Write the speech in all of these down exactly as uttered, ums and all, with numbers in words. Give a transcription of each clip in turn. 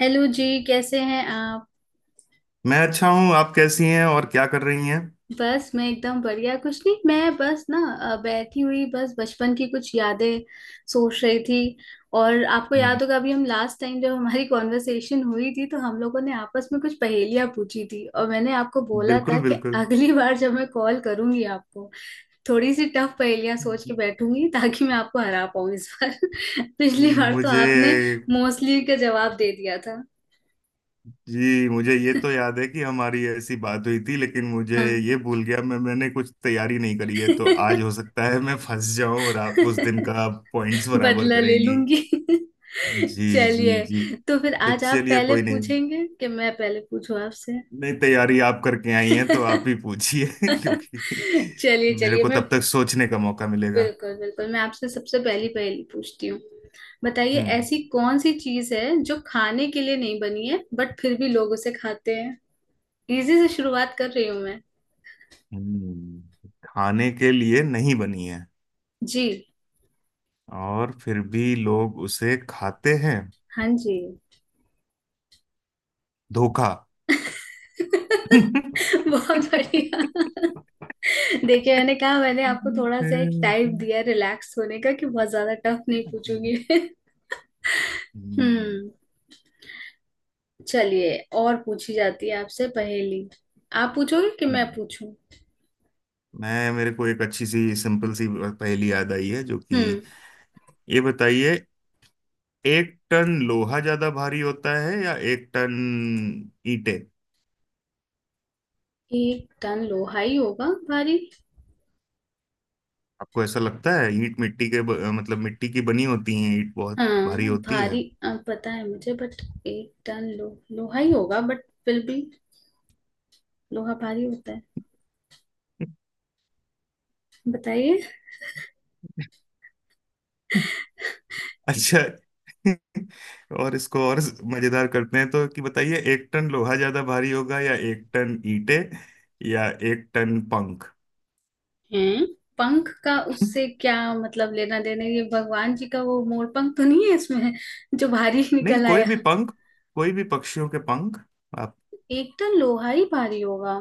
Hello जी, कैसे हैं आप? मैं अच्छा हूँ। आप कैसी हैं और क्या कर रही हैं? बस मैं एकदम बढ़िया। कुछ नहीं, मैं बस ना अ, बैठी हुई बस बचपन की कुछ यादें सोच रही थी। और आपको हम्म, याद होगा अभी हम लास्ट टाइम जब हमारी कॉन्वर्सेशन हुई थी, तो हम लोगों ने आपस में कुछ पहेलियां पूछी थी और मैंने आपको बोला था बिल्कुल कि बिल्कुल। अगली बार जब मैं कॉल करूंगी आपको, थोड़ी सी टफ पहेलियां सोच के बैठूंगी ताकि मैं आपको हरा पाऊँ इस बार। पिछली बार तो आपने मुझे मोस्टली का जवाब दे दिया था। जी मुझे ये तो याद है कि हमारी ऐसी बात हुई थी, लेकिन मुझे हाँ। ये भूल गया। मैं मैंने कुछ तैयारी नहीं करी है, तो आज हो सकता है मैं फंस जाऊं और आप उस दिन का पॉइंट्स बराबर बदला ले करेंगी। लूंगी। जी जी चलिए, जी। तो फिर तो आज आप चलिए पहले कोई नहीं, पूछेंगे कि मैं पहले पूछूं आपसे? नहीं तैयारी आप करके आई हैं तो आप ही पूछिए क्योंकि चलिए मेरे चलिए, को मैं तब तक सोचने का मौका मिलेगा। बिल्कुल बिल्कुल मैं आपसे सबसे पहली पहेली पूछती हूँ। बताइए, हम्म। ऐसी कौन सी चीज है जो खाने के लिए नहीं बनी है बट फिर भी लोग उसे खाते हैं? इजी से शुरुआत कर रही हूँ मैं। हम्म, खाने के लिए नहीं बनी है जी। और फिर भी लोग उसे खाते हैं। हाँ जी। धोखा। बहुत बढ़िया। देखिए मैंने कहा, मैंने आपको थोड़ा सा एक टाइम दिया रिलैक्स होने का कि बहुत ज्यादा टफ नहीं पूछूंगी। हम्म। चलिए, और पूछी जाती है आपसे पहेली। आप पूछोगे कि मैं पूछूं? मैं मेरे को एक अच्छी सी सिंपल सी पहेली याद आई है जो कि, हम्म। ये बताइए, एक टन लोहा ज्यादा भारी होता है या एक टन ईंटें? एक टन लोहा ही होगा भारी। आपको ऐसा लगता है? ईंट मिट्टी के ब- मतलब मिट्टी की बनी होती है। ईंट बहुत भारी हाँ होती भारी अ, पता है मुझे, बट एक टन लो लोहा ही होगा, बट फिर भी लोहा भारी होता है। है। बताइए। अच्छा। और इसको और मजेदार करते हैं। तो कि बताइए, एक टन लोहा ज्यादा भारी होगा या एक टन ईंटे या एक टन पंख? हैं? पंख का उससे क्या मतलब लेना देना? ये भगवान जी का वो मोर पंख तो नहीं है इसमें जो भारी नहीं निकल कोई आया? भी पंख, कोई भी पक्षियों के पंख। आप। एकदम लोहा ही भारी होगा।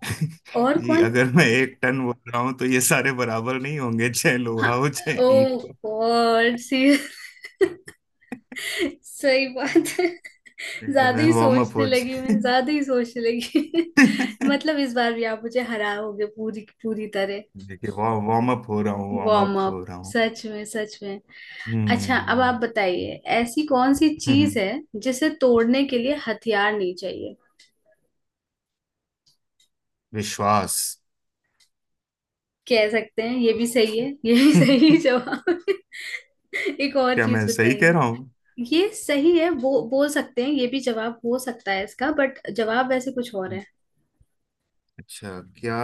और जी कौन? अगर मैं एक टन बोल रहा हूं तो ये सारे बराबर नहीं होंगे, चाहे हाँ। लोहा हो चाहे ईंट ओ हो। गॉड। सही बात है। देखिए ज्यादा मैं ही वार्म अप सोचने हो लगी जाए। मैं, ज्यादा ही सोचने लगी। मतलब इस बार भी आप मुझे हराओगे पूरी पूरी तरह। देखिए वार्म अप हो रहा हूँ, वार्म वार्म अप अप। हो रहा हूँ। सच में सच में। अच्छा, अब आप हम्म बताइए, ऐसी कौन सी हम्म, चीज हम्म, है जिसे तोड़ने के लिए हथियार नहीं चाहिए? विश्वास। कह सकते हैं, ये भी सही है, ये भी सही क्या, जवाब है। एक और चीज मैं सही कह बताइए। रहा हूँ? ये सही है, वो बोल सकते हैं, ये भी जवाब हो सकता है इसका, बट जवाब वैसे कुछ और है। अच्छा क्या?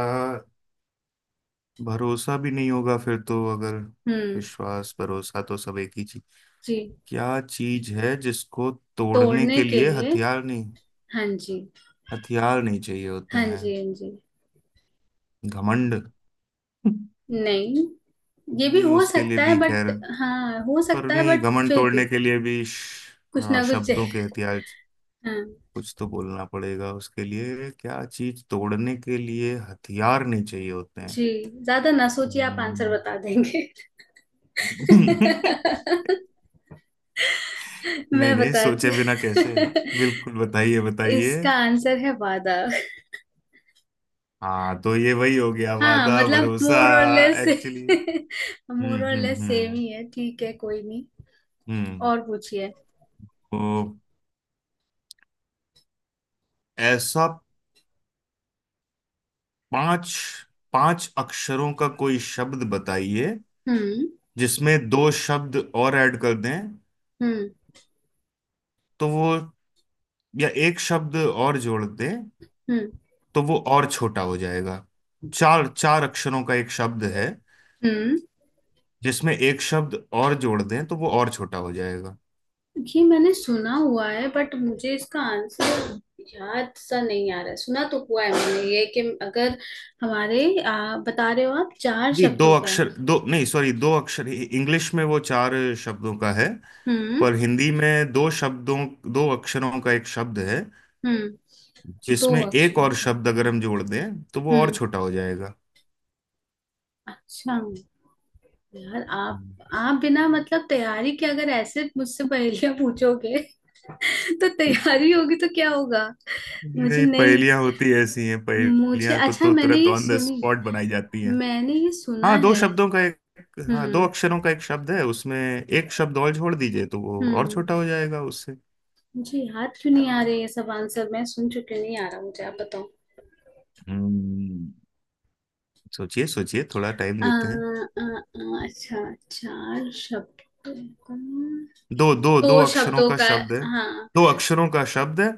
भरोसा भी नहीं होगा फिर तो अगर। हम्म। विश्वास भरोसा तो सब एक ही चीज। जी। क्या चीज है जिसको तोड़ने तोड़ने के के लिए लिए, हथियार नहीं, हाँ जी, हथियार नहीं चाहिए होते हाँ जी। हैं? हाँ जी। घमंड। नहीं। ये भी नहीं हो उसके लिए सकता है भी बट, खैर। हाँ हो पर सकता है नहीं बट घमंड फिर तोड़ने भी के लिए भी श- कुछ हाँ, ना कुछ शब्दों के हथियार। है। कुछ तो बोलना पड़ेगा उसके लिए। क्या चीज तोड़ने के लिए हथियार नहीं चाहिए होते हैं? जी। ज्यादा ना सोचिए, आप आंसर हम्म। बता देंगे। मैं नहीं नहीं बताती। सोचे बिना कैसे? बिल्कुल बताइए बताइए। इसका आंसर है वादा। हाँ तो ये वही हो गया हाँ वादा मतलब भरोसा। मोर और लेस, एक्चुअली। हम्म मोर और हम्म लेस सेम हम्म ही है, ठीक है कोई नहीं। हम्म और पूछिए। तो ऐसा पांच पांच अक्षरों का कोई शब्द बताइए हम्म। जिसमें दो शब्द और ऐड कर दें हम्म। तो वो, या एक शब्द और जोड़ दें हम्म। तो वो और छोटा हो जाएगा। चार चार अक्षरों का एक शब्द है हम्म। जिसमें एक शब्द और जोड़ दें तो वो और छोटा हो जाएगा। ये मैंने सुना हुआ है बट मुझे इसका आंसर याद सा नहीं आ रहा है। सुना तो हुआ है मैंने ये कि अगर हमारे आ, बता रहे हो आप चार जी दो शब्दों का है। अक्षर, दो नहीं, सॉरी, दो अक्षर इंग्लिश में वो चार शब्दों का है, हम्म। पर हिंदी में दो शब्दों, दो अक्षरों का एक शब्द है हम्म। दो जिसमें एक अक्षरों और का। शब्द अगर हम जोड़ दें तो वो और हम्म। छोटा हो जाएगा। अच्छा। यार, आप हम्म। आप बिना मतलब तैयारी के अगर ऐसे मुझसे पहेलियां पूछोगे तो तैयारी होगी तो क्या होगा। मुझे नहीं नहीं, पहेलियां होती ऐसी हैं, मुझे पहेलियां को अच्छा, तो मैंने तुरंत ये ऑन द सुनी, स्पॉट बनाई जाती हैं। मैंने ये सुना हाँ दो है। शब्दों का एक। हाँ दो हम्म। अक्षरों का एक शब्द है, उसमें एक शब्द और जोड़ दीजिए तो वो और हम्म। छोटा हो जाएगा उससे। मुझे याद क्यों नहीं आ रही? ये सब आंसर मैं सुन चुकी हूँ, नहीं आ रहा मुझे, आप बताओ। हम्म, सोचिए सोचिए, थोड़ा टाइम आ, देते हैं। आ, आ, अच्छा, चार शब्दों का। दो दो दो दो अक्षरों शब्दों का का। शब्द है। हाँ, दो अक्षरों का शब्द है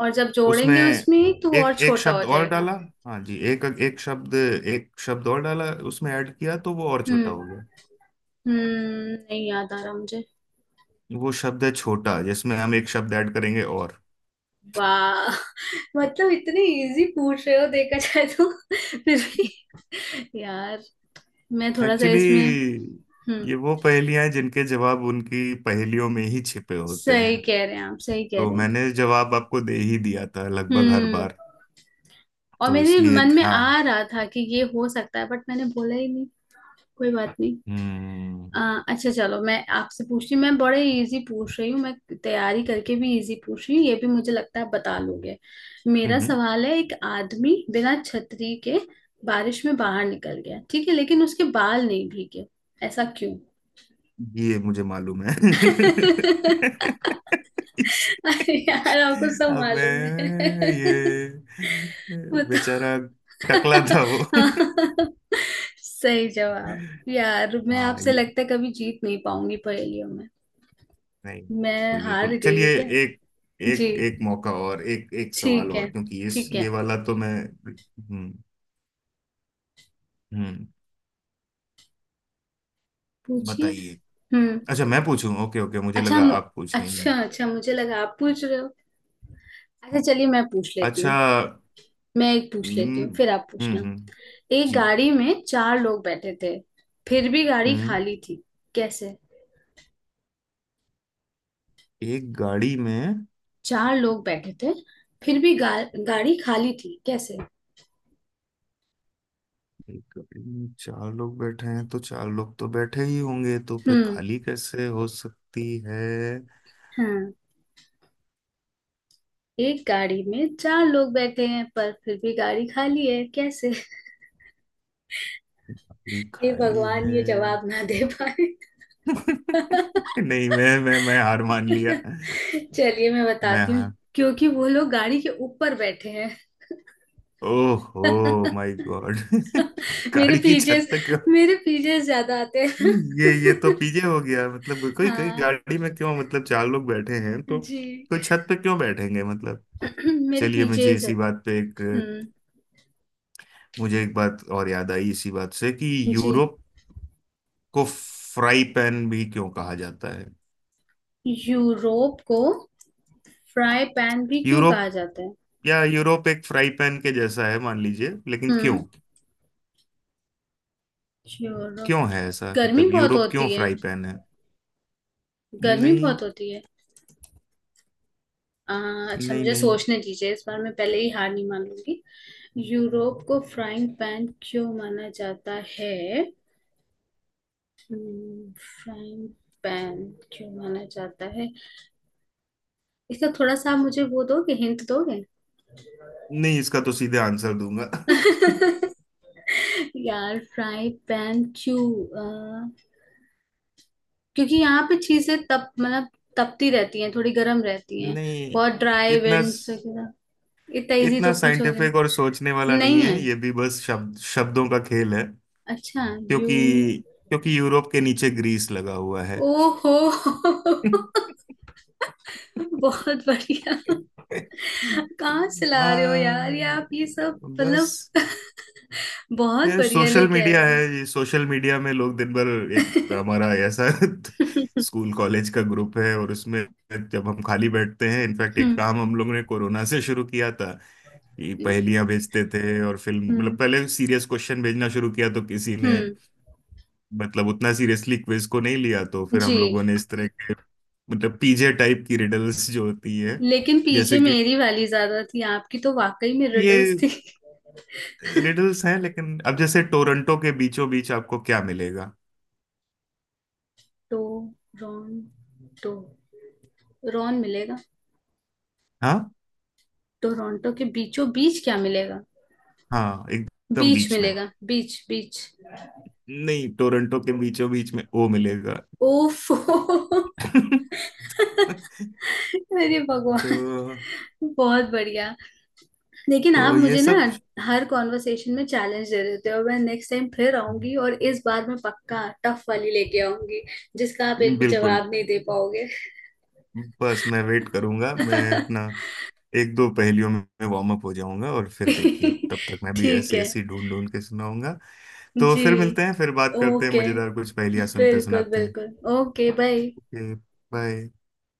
और जब उसमें जोड़ेंगे उसमें तो वो और एक एक छोटा हो शब्द और जाएगा। डाला। हाँ जी एक एक शब्द, एक शब्द और डाला उसमें, ऐड किया तो वो और छोटा हम्म। हो गया। हम्म, नहीं याद आ रहा मुझे। वो शब्द है छोटा, जिसमें हम एक शब्द ऐड करेंगे और। वाह। मतलब इतने इजी पूछ रहे हो देखा जाए तो, फिर भी यार मैं थोड़ा सा इसमें। एक्चुअली हम्म। ये वो पहेलियां हैं जिनके जवाब उनकी पहेलियों में ही छिपे होते सही हैं। कह रहे हैं आप, सही कह तो रहे हैं। मैंने जवाब आपको दे ही दिया था लगभग हर हम्म। बार। और तो मेरे इसलिए मन में ध्यान। आ रहा था कि ये हो सकता है बट मैंने बोला ही नहीं। कोई बात। हम्म। अ, अच्छा चलो, मैं आपसे पूछती हूँ। मैं बड़े इजी पूछ रही हूँ मैं, तैयारी करके भी इजी पूछ रही हूँ, ये भी मुझे लगता है आप बता लोगे। मेरा हम्म, सवाल है, एक आदमी बिना छतरी के बारिश में बाहर निकल गया, ठीक है, लेकिन उसके बाल नहीं भीगे। ऐसा क्यों? ये मुझे मालूम है। इस-। अरे यार आपको सब अबे मालूम है। ये बताओ। बेचारा टकला था वो। हाँ। सही जवाब। यार मैं हाँ आपसे ये, लगता है कभी जीत नहीं पाऊंगी पहेलियों में। नहीं मैं बिल्कुल हार बिल्कुल गई चलिए। हूँ क्या? एक, जी एक एक मौका और, एक एक सवाल ठीक है, और, क्योंकि ये ठीक है। ये वाला तो मैं। हम्म। हम्म। पूछिए। बताइए। हम्म। अच्छा मैं पूछूं? ओके ओके, मुझे अच्छा लगा मु- आप पूछ रही अच्छा हैं। अच्छा, मुझे लगा आप पूछ रहे हो। अच्छा चलिए, मैं पूछ लेती अच्छा। हूँ। मैं एक पूछ लेती हूँ हम्म। फिर आप हम्म पूछना। हम्म, एक जी। गाड़ी में चार लोग बैठे थे, फिर भी गाड़ी हम्म। खाली थी, कैसे? एक गाड़ी में। चार लोग बैठे थे, फिर भी गा, गाड़ी खाली थी, कैसे? एक गाड़ी में चार लोग बैठे हैं तो चार लोग तो बैठे ही होंगे, तो फिर हम्म। खाली कैसे हो सकती है? हाँ। एक गाड़ी में चार लोग बैठे हैं पर फिर भी गाड़ी खाली है, कैसे? गाड़ी हे खाली भगवान, है? ये जवाब ना दे पाए। नहीं मैं मैं मैं हार मान लिया। चलिए मैं मैं बताती हूँ, हार। क्योंकि वो लोग गाड़ी के ऊपर बैठे हैं। ओहो माय गॉड। मेरे गाड़ी की पीजेस, छत पे क्यों? मेरे पीजेस ज्यादा आते हैं। ये ये तो पीजे हो गया। मतलब कोई, कोई हाँ गाड़ी में क्यों, मतलब चार लोग बैठे हैं तो जी। कोई छत पे क्यों बैठेंगे, मतलब। मेरे चलिए मुझे पीजेस इसी आते बात पे एक, हैं। हम्म। मुझे एक बात और याद आई इसी बात से कि जी। यूरोप को फ्राई पैन भी क्यों कहा जाता है? यूरोप को फ्राई पैन भी क्यों कहा यूरोप, जाता है? या यूरोप एक फ्राई पैन के जैसा है मान लीजिए, लेकिन क्यों? हम्म। यूरोप। क्यों है ऐसा, गर्मी मतलब बहुत यूरोप क्यों होती है। फ्राई पैन है? गर्मी नहीं। बहुत होती है। आ, अच्छा नहीं मुझे नहीं सोचने दीजिए, इस बार मैं पहले ही हार नहीं मान लूंगी। यूरोप को फ्राइंग पैन क्यों माना जाता है? हम्म, फ्राइंग पैन क्यों माना जाता है? इसका थोड़ा सा आप मुझे वो दोगे, हिंट दोगे? नहीं इसका तो सीधे आंसर दूंगा। यार फ्राई पैन क्यों? अ, क्योंकि यहाँ पे चीजें तप मतलब तपती रहती हैं, थोड़ी गर्म रहती हैं, नहीं बहुत ड्राई इतना, विंड्स वगैरह। इतना इजी तो इतना पूछोगे साइंटिफिक और सोचने वाला नहीं। नहीं नहीं है। है ये, भी बस शब्द, शब्दों का खेल है। अच्छा। यू। क्योंकि, क्योंकि यूरोप के नीचे ग्रीस लगा हुआ है। ओहो। बहुत बढ़िया। कहाँ से ला रहे हो यार ये हाँ आप, ये सब मतलब बस। बहुत ये बढ़िया सोशल लेके आए मीडिया हो। है, ये सोशल मीडिया में लोग दिन भर, एक हमारा ऐसा स्कूल कॉलेज का ग्रुप है और उसमें जब हम खाली बैठते हैं। इनफैक्ट एक हम्म। काम हम लोगों ने कोरोना से शुरू किया था कि पहेलियां भेजते थे। और फिल्म, हम्म। मतलब पहले सीरियस क्वेश्चन भेजना शुरू किया तो किसी ने, हम्म। मतलब उतना सीरियसली क्विज को नहीं लिया तो फिर हम जी। लोगों ने इस तरह के, मतलब पीजे टाइप की रिडल्स जो होती है लेकिन पीजे जैसे कि मेरी वाली ज्यादा थी, आपकी तो वाकई में रिडल्स ये, थी। रिडल्स हैं लेकिन। अब जैसे टोरंटो के बीचों बीच आपको क्या मिलेगा? टो रॉन, टो रॉन मिलेगा। हाँ? टोरंटो के बीचों बीच क्या मिलेगा? हाँ एकदम बीच बीच में। मिलेगा, बीच, बीच। नहीं टोरंटो के बीचों बीच में ओ मिलेगा। ओफो। अरे तो भगवान, बहुत बढ़िया। लेकिन आप तो ये मुझे ना सब। हर कॉन्वर्सेशन में चैलेंज दे देते हो। मैं नेक्स्ट टाइम फिर आऊंगी और इस बार मैं पक्का टफ वाली लेके आऊंगी, जिसका आप एक भी बिल्कुल। जवाब नहीं दे पाओगे। बस मैं वेट करूंगा। मैं अपना एक दो पहेलियों में वार्म अप हो जाऊंगा और फिर देखिए तब तक मैं भी ठीक ऐसी है ऐसी ढूंढ ढूंढ के सुनाऊंगा। तो जी। फिर मिलते हैं, फिर बात करते हैं, ओके, मजेदार कुछ पहेलियां सुनते बिल्कुल सुनाते हैं। बिल्कुल। Okay bye. ओके। बाय।